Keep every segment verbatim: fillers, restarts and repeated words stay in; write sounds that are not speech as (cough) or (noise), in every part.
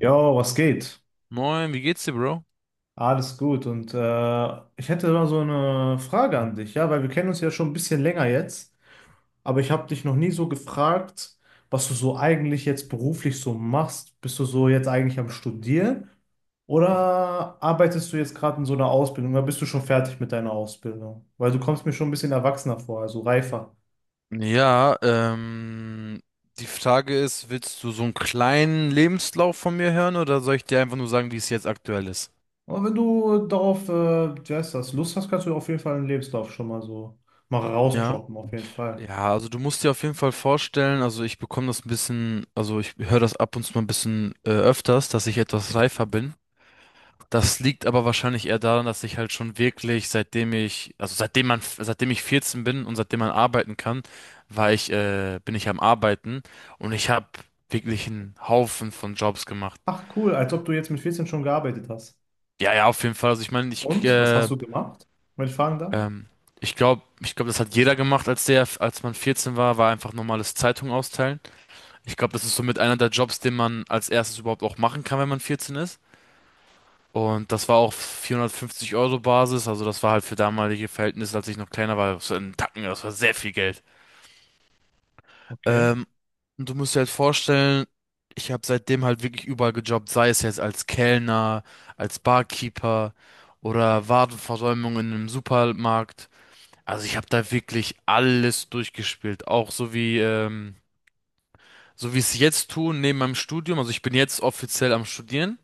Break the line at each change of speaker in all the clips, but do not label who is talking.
Jo, was geht?
Moin, wie geht's dir, Bro?
Alles gut. Und äh, ich hätte mal so eine Frage an dich, ja, weil wir kennen uns ja schon ein bisschen länger jetzt, aber ich habe dich noch nie so gefragt, was du so eigentlich jetzt beruflich so machst. Bist du so jetzt eigentlich am Studieren oder arbeitest du jetzt gerade in so einer Ausbildung oder bist du schon fertig mit deiner Ausbildung? Weil du kommst mir schon ein bisschen erwachsener vor, also reifer.
Ja, ähm, die Frage ist, willst du so einen kleinen Lebenslauf von mir hören oder soll ich dir einfach nur sagen, wie es jetzt aktuell ist?
Aber wenn du darauf, äh, wie heißt das, Lust hast, kannst du auf jeden Fall einen Lebenslauf schon mal so mal
Ja.
rausdroppen, auf jeden Fall.
Ja, also du musst dir auf jeden Fall vorstellen, also ich bekomme das ein bisschen, also ich höre das ab und zu mal ein bisschen äh, öfters, dass ich etwas reifer bin. Das liegt aber wahrscheinlich eher daran, dass ich halt schon wirklich, seitdem ich, also seitdem man, seitdem ich vierzehn bin und seitdem man arbeiten kann, war ich, äh, bin ich am Arbeiten und ich habe wirklich einen Haufen von Jobs gemacht.
Ach cool, als ob du jetzt mit vierzehn schon gearbeitet hast.
Ja, ja, auf jeden Fall. Also ich meine, ich,
Und was
äh,
hast du gemacht, wenn ich fragen darf?
ähm, ich glaube, ich glaube, das hat jeder gemacht, als der, als man vierzehn war, war einfach normales Zeitung austeilen. Ich glaube, das ist somit einer der Jobs, den man als erstes überhaupt auch machen kann, wenn man vierzehn ist. Und das war auf vierhundertfünfzig Euro Basis, also das war halt für damalige Verhältnisse, als ich noch kleiner war, so ein Tacken, das war sehr viel Geld.
Okay.
Ähm, und du musst dir halt vorstellen, ich habe seitdem halt wirklich überall gejobbt, sei es jetzt als Kellner, als Barkeeper oder Warenversäumung in einem Supermarkt. Also ich habe da wirklich alles durchgespielt, auch so wie ähm, so wie ich es jetzt tue neben meinem Studium. Also ich bin jetzt offiziell am Studieren.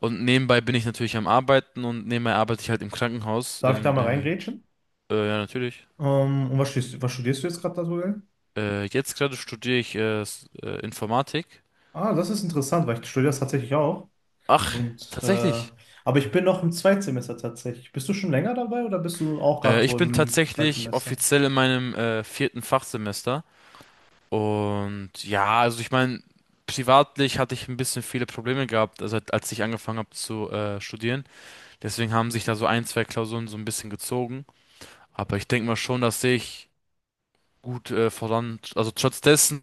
Und nebenbei bin ich natürlich am Arbeiten und nebenbei arbeite ich halt im Krankenhaus.
Darf ich da mal
In,
reingrätschen?
äh, äh, ja, natürlich.
Ähm, und was studierst, was studierst du jetzt gerade aktuell?
Äh, jetzt gerade studiere ich äh, s- äh, Informatik.
Ah, das ist interessant, weil ich studiere das tatsächlich auch.
Ach,
Und äh,
tatsächlich.
aber ich bin noch im Zweitsemester tatsächlich. Bist du schon länger dabei oder bist du auch gerade
Äh,
so
ich bin
im
tatsächlich
Zweitsemester?
offiziell in meinem äh, vierten Fachsemester. Und ja, also ich meine, privatlich hatte ich ein bisschen viele Probleme gehabt, also als ich angefangen habe zu äh, studieren. Deswegen haben sich da so ein, zwei Klausuren so ein bisschen gezogen. Aber ich denke mal schon, dass ich gut äh, voran, also trotz dessen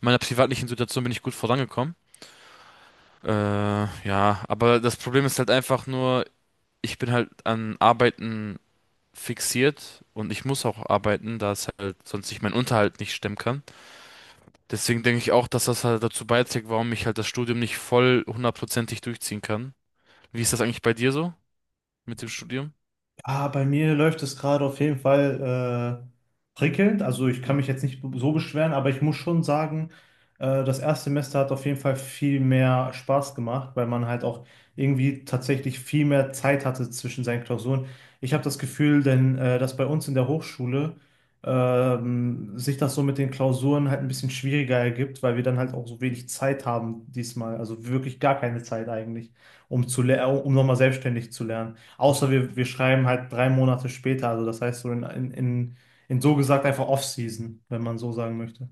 meiner privatlichen Situation bin ich gut vorangekommen. Äh, ja, aber das Problem ist halt einfach nur, ich bin halt an Arbeiten fixiert und ich muss auch arbeiten, da es halt sonst ich meinen Unterhalt nicht stemmen kann. Deswegen denke ich auch, dass das halt dazu beiträgt, warum ich halt das Studium nicht voll hundertprozentig durchziehen kann. Wie ist das eigentlich bei dir so mit dem Studium?
Ah, bei mir läuft es gerade auf jeden Fall äh, prickelnd. Also ich kann mich jetzt nicht so beschweren, aber ich muss schon sagen, äh, das Erstsemester hat auf jeden Fall viel mehr Spaß gemacht, weil man halt auch irgendwie tatsächlich viel mehr Zeit hatte zwischen seinen Klausuren. Ich habe das Gefühl, denn äh, dass bei uns in der Hochschule ähm, sich das so mit den Klausuren halt ein bisschen schwieriger ergibt, weil wir dann halt auch so wenig Zeit haben diesmal. Also wirklich gar keine Zeit eigentlich, um zu ler- um nochmal selbstständig zu lernen. Außer wir, wir schreiben halt drei Monate später, also das heißt so in, in, in, in so gesagt einfach Off-Season, wenn man so sagen möchte.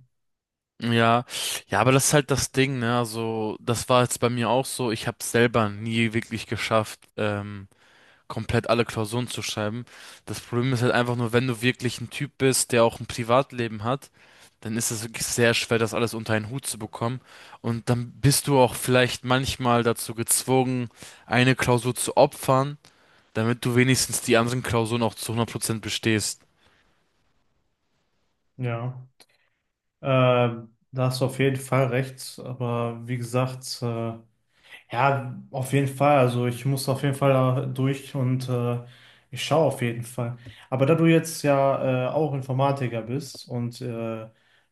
Ja, ja, aber das ist halt das Ding, ne? Also, das war jetzt bei mir auch so. Ich habe es selber nie wirklich geschafft, ähm, komplett alle Klausuren zu schreiben. Das Problem ist halt einfach nur, wenn du wirklich ein Typ bist, der auch ein Privatleben hat, dann ist es wirklich sehr schwer, das alles unter einen Hut zu bekommen. Und dann bist du auch vielleicht manchmal dazu gezwungen, eine Klausur zu opfern, damit du wenigstens die anderen Klausuren auch zu hundert Prozent bestehst.
Ja, äh, da hast du auf jeden Fall recht, aber wie gesagt, äh, ja, auf jeden Fall. Also ich muss auf jeden Fall da durch und äh, ich schaue auf jeden Fall. Aber da du jetzt ja äh, auch Informatiker bist und äh,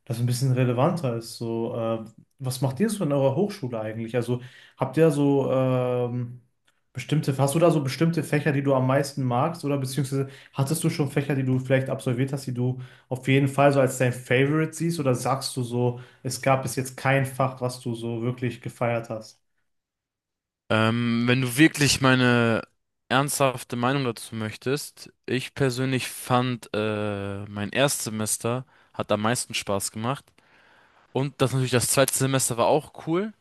das ein bisschen relevanter ist, so äh, was macht ihr so in eurer Hochschule eigentlich? Also habt ihr so ähm, bestimmte, hast du da so bestimmte Fächer, die du am meisten magst oder beziehungsweise hattest du schon Fächer, die du vielleicht absolviert hast, die du auf jeden Fall so als dein Favorite siehst oder sagst du so, es gab bis jetzt kein Fach, was du so wirklich gefeiert hast?
Ähm, wenn du wirklich meine ernsthafte Meinung dazu möchtest, ich persönlich fand, äh, mein Erstsemester hat am meisten Spaß gemacht. Und das natürlich, das zweite Semester war auch cool.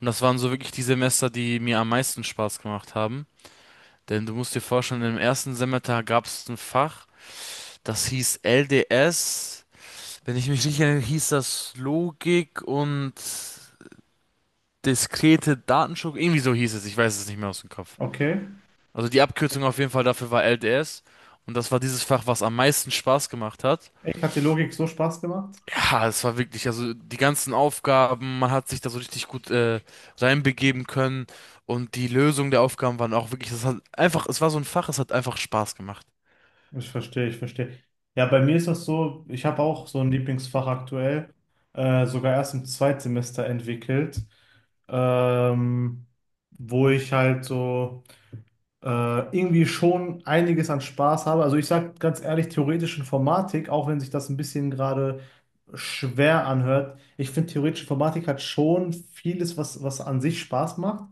Und das waren so wirklich die Semester, die mir am meisten Spaß gemacht haben. Denn du musst dir vorstellen, im ersten Semester gab es ein Fach, das hieß L D S. Wenn ich mich nicht erinnere, hieß das Logik und diskrete Datenstruktur. Irgendwie so hieß es, ich weiß es nicht mehr aus dem Kopf.
Okay.
Also die Abkürzung auf jeden Fall dafür war L D S. Und das war dieses Fach, was am meisten Spaß gemacht hat.
Echt, hat die Logik so Spaß gemacht?
Ja, es war wirklich, also die ganzen Aufgaben, man hat sich da so richtig gut äh, reinbegeben können und die Lösung der Aufgaben waren auch wirklich, das hat einfach, es war so ein Fach, es hat einfach Spaß gemacht.
Ich verstehe, ich verstehe. Ja, bei mir ist das so, ich habe auch so ein Lieblingsfach aktuell, äh, sogar erst im Zweitsemester entwickelt, ähm, wo ich halt so äh, irgendwie schon einiges an Spaß habe. Also ich sage ganz ehrlich, theoretische Informatik, auch wenn sich das ein bisschen gerade schwer anhört, ich finde theoretische Informatik hat schon vieles, was, was an sich Spaß macht.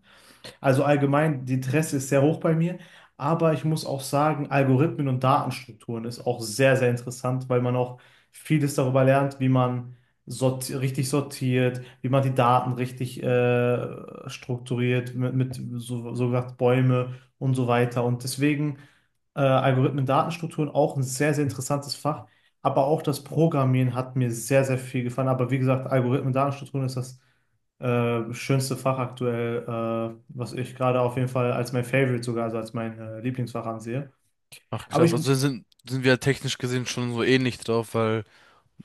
Also allgemein, die Interesse ist sehr hoch bei mir. Aber ich muss auch sagen, Algorithmen und Datenstrukturen ist auch sehr, sehr interessant, weil man auch vieles darüber lernt, wie man sorti richtig sortiert, wie man die Daten richtig äh, strukturiert, mit, mit so, so gesagt Bäume und so weiter. Und deswegen äh, Algorithmen, Datenstrukturen auch ein sehr, sehr interessantes Fach. Aber auch das Programmieren hat mir sehr, sehr viel gefallen. Aber wie gesagt, Algorithmen, Datenstrukturen ist das äh, schönste Fach aktuell, äh, was ich gerade auf jeden Fall als mein Favorite sogar, also als mein äh, Lieblingsfach ansehe.
Ach
Aber
krass,
ich,
also sind, sind wir technisch gesehen schon so ähnlich drauf, weil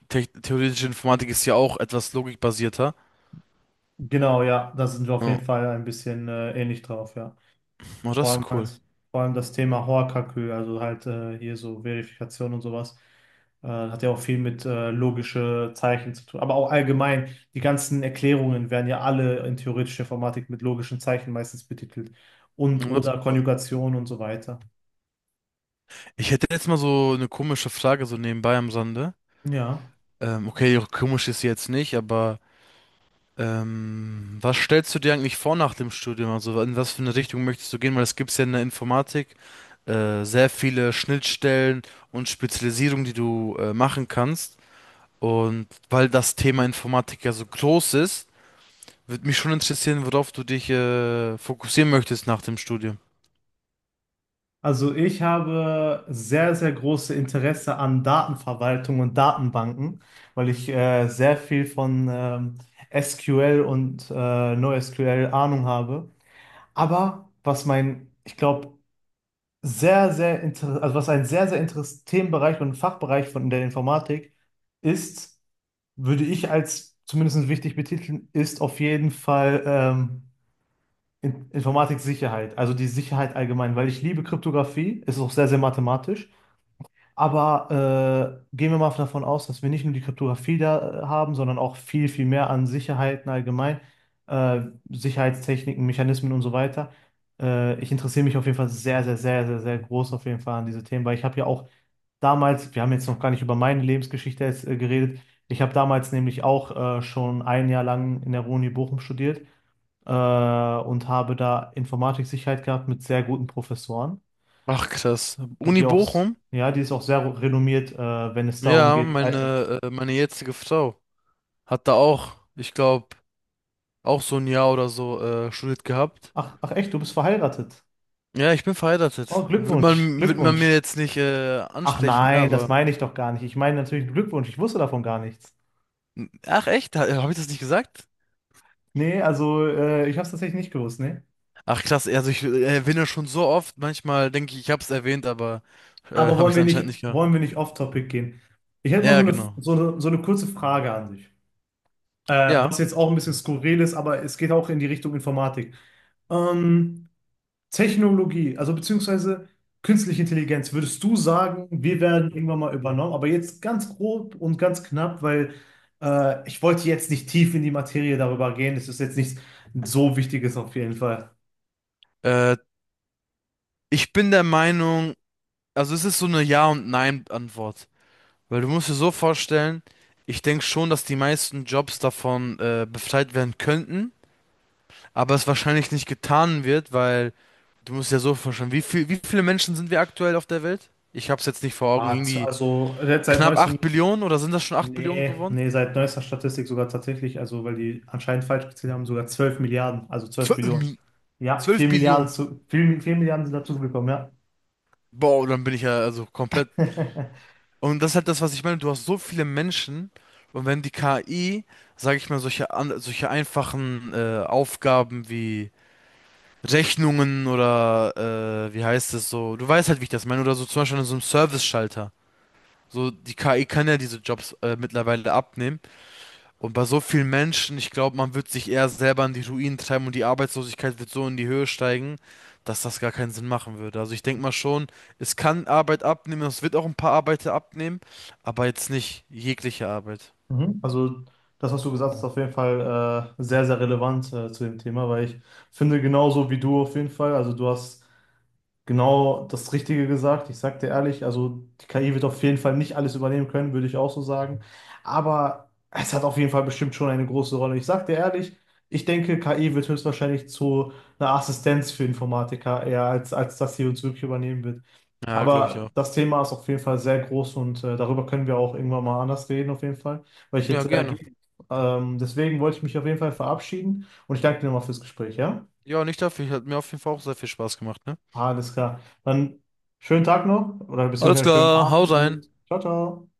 te theoretische Informatik ist ja auch etwas logikbasierter.
genau, ja, da sind wir auf jeden
Oh,
Fall ein bisschen äh, ähnlich drauf, ja.
oh,
Vor
das
allem,
ist cool.
als, vor allem das Thema Hoakakü, also halt äh, hier so Verifikation und sowas, äh, hat ja auch viel mit äh, logische Zeichen zu tun. Aber auch allgemein, die ganzen Erklärungen werden ja alle in theoretischer Informatik mit logischen Zeichen meistens betitelt. Und
Oh, das ist
oder
cool.
Konjugation und so weiter.
Ich hätte jetzt mal so eine komische Frage so nebenbei am Sande.
Ja.
Ähm, okay, komisch ist sie jetzt nicht, aber ähm, was stellst du dir eigentlich vor nach dem Studium? Also in was für eine Richtung möchtest du gehen? Weil es gibt ja in der Informatik äh, sehr viele Schnittstellen und Spezialisierungen, die du äh, machen kannst. Und weil das Thema Informatik ja so groß ist, würde mich schon interessieren, worauf du dich äh, fokussieren möchtest nach dem Studium.
Also ich habe sehr, sehr große Interesse an Datenverwaltung und Datenbanken, weil ich äh, sehr viel von ähm, S Q L und äh, NoSQL Ahnung habe. Aber was mein, ich glaube, sehr, sehr inter also was ein sehr, sehr interessanter Themenbereich und Fachbereich von der Informatik ist, würde ich als zumindest wichtig betiteln, ist auf jeden Fall ähm, In- Informatik-Sicherheit, also die Sicherheit allgemein, weil ich liebe Kryptographie, es ist auch sehr, sehr mathematisch. Aber äh, gehen wir mal davon aus, dass wir nicht nur die Kryptographie da äh, haben, sondern auch viel, viel mehr an Sicherheiten allgemein, äh, Sicherheitstechniken, Mechanismen und so weiter. Äh, ich interessiere mich auf jeden Fall sehr, sehr, sehr, sehr, sehr groß auf jeden Fall an diese Themen, weil ich habe ja auch damals, wir haben jetzt noch gar nicht über meine Lebensgeschichte jetzt, äh, geredet, ich habe damals nämlich auch äh, schon ein Jahr lang in der Uni Bochum studiert äh, und habe da Informatiksicherheit gehabt mit sehr guten Professoren.
Ach krass. Uni
Die auch,
Bochum?
ja, die ist auch sehr renommiert, äh, wenn es darum
Ja,
geht. Äh,
meine, äh, meine jetzige Frau hat da auch, ich glaube, auch so ein Jahr oder so äh, studiert gehabt.
ach, ach echt, du bist verheiratet.
Ja, ich bin
Oh,
verheiratet. Wird
Glückwunsch,
man, wird man mir
Glückwunsch.
jetzt nicht äh,
Ach
ansprechen, ne?
nein, das
Aber.
meine ich doch gar nicht. Ich meine natürlich Glückwunsch, ich wusste davon gar nichts.
Ach echt? Habe ich das nicht gesagt?
Nee, also äh, ich habe es tatsächlich nicht gewusst, nee.
Ach krass, also ich äh, erwähne schon so oft. Manchmal denke ich, ich habe es erwähnt, aber äh,
Aber
habe
wollen
ich es
wir
anscheinend
nicht,
nicht gehört.
wollen wir nicht off-topic gehen? Ich hätte mal so
Ja,
eine,
genau.
so eine, so eine kurze Frage an dich. Äh,
Ja.
was jetzt auch ein bisschen skurril ist, aber es geht auch in die Richtung Informatik. Ähm, Technologie, also beziehungsweise künstliche Intelligenz, würdest du sagen, wir werden irgendwann mal übernommen? Aber jetzt ganz grob und ganz knapp, weil äh, ich wollte jetzt nicht tief in die Materie darüber gehen. Es ist jetzt nichts so Wichtiges auf jeden Fall.
Äh, Ich bin der Meinung, also es ist so eine Ja- und Nein-Antwort. Weil du musst dir so vorstellen, ich denke schon, dass die meisten Jobs davon äh, befreit werden könnten, aber es wahrscheinlich nicht getan wird, weil. Du musst ja so vorstellen, wie viel, wie viele Menschen sind wir aktuell auf der Welt? Ich hab's jetzt nicht vor Augen,
Ah, z-
irgendwie
Also jetzt seit
knapp
neuestem,
acht Billionen oder sind das schon acht Billionen
nee,
geworden?
nee, seit neuester Statistik sogar tatsächlich, also weil die anscheinend falsch gezählt haben, sogar zwölf Milliarden, also zwölf Billionen.
zwölf,
Ja,
zwölf
vier Milliarden
Billionen.
zu, vier vier Milliarden sind dazugekommen,
Boah, dann bin ich ja also komplett.
ja. (laughs)
Und das ist halt das, was ich meine. Du hast so viele Menschen und wenn die K I, sage ich mal, solche, an- solche einfachen äh, Aufgaben wie Rechnungen oder äh, wie heißt es so, du weißt halt, wie ich das meine, oder so zum Beispiel an so einem Service-Schalter. So, die K I kann ja diese Jobs äh, mittlerweile abnehmen. Und bei so vielen Menschen, ich glaube, man wird sich eher selber in die Ruinen treiben und die Arbeitslosigkeit wird so in die Höhe steigen, dass das gar keinen Sinn machen würde. Also ich denke mal schon, es kann Arbeit abnehmen, es wird auch ein paar Arbeiter abnehmen, aber jetzt nicht jegliche Arbeit.
Mhm. Also das, was du gesagt hast, ist auf jeden Fall äh, sehr, sehr relevant äh, zu dem Thema, weil ich finde genauso wie du auf jeden Fall, also du hast genau das Richtige gesagt. Ich sag dir ehrlich, also die K I wird auf jeden Fall nicht alles übernehmen können, würde ich auch so sagen. Aber es hat auf jeden Fall bestimmt schon eine große Rolle. Ich sag dir ehrlich, ich denke, K I wird höchstwahrscheinlich zu einer Assistenz für Informatiker eher, als, als dass sie uns wirklich übernehmen wird.
Ja, glaube ich
Aber
auch.
das Thema ist auf jeden Fall sehr groß und äh, darüber können wir auch irgendwann mal anders reden, auf jeden Fall, weil ich
Ja,
jetzt äh,
gerne.
gehe. Ähm, deswegen wollte ich mich auf jeden Fall verabschieden und ich danke dir nochmal fürs Gespräch, ja?
Ja, nicht dafür. Hat mir auf jeden Fall auch sehr viel Spaß gemacht, ne?
Alles klar. Dann schönen Tag noch oder
Alles
beziehungsweise schönen
klar, hau
Abend
rein.
und ciao, ciao.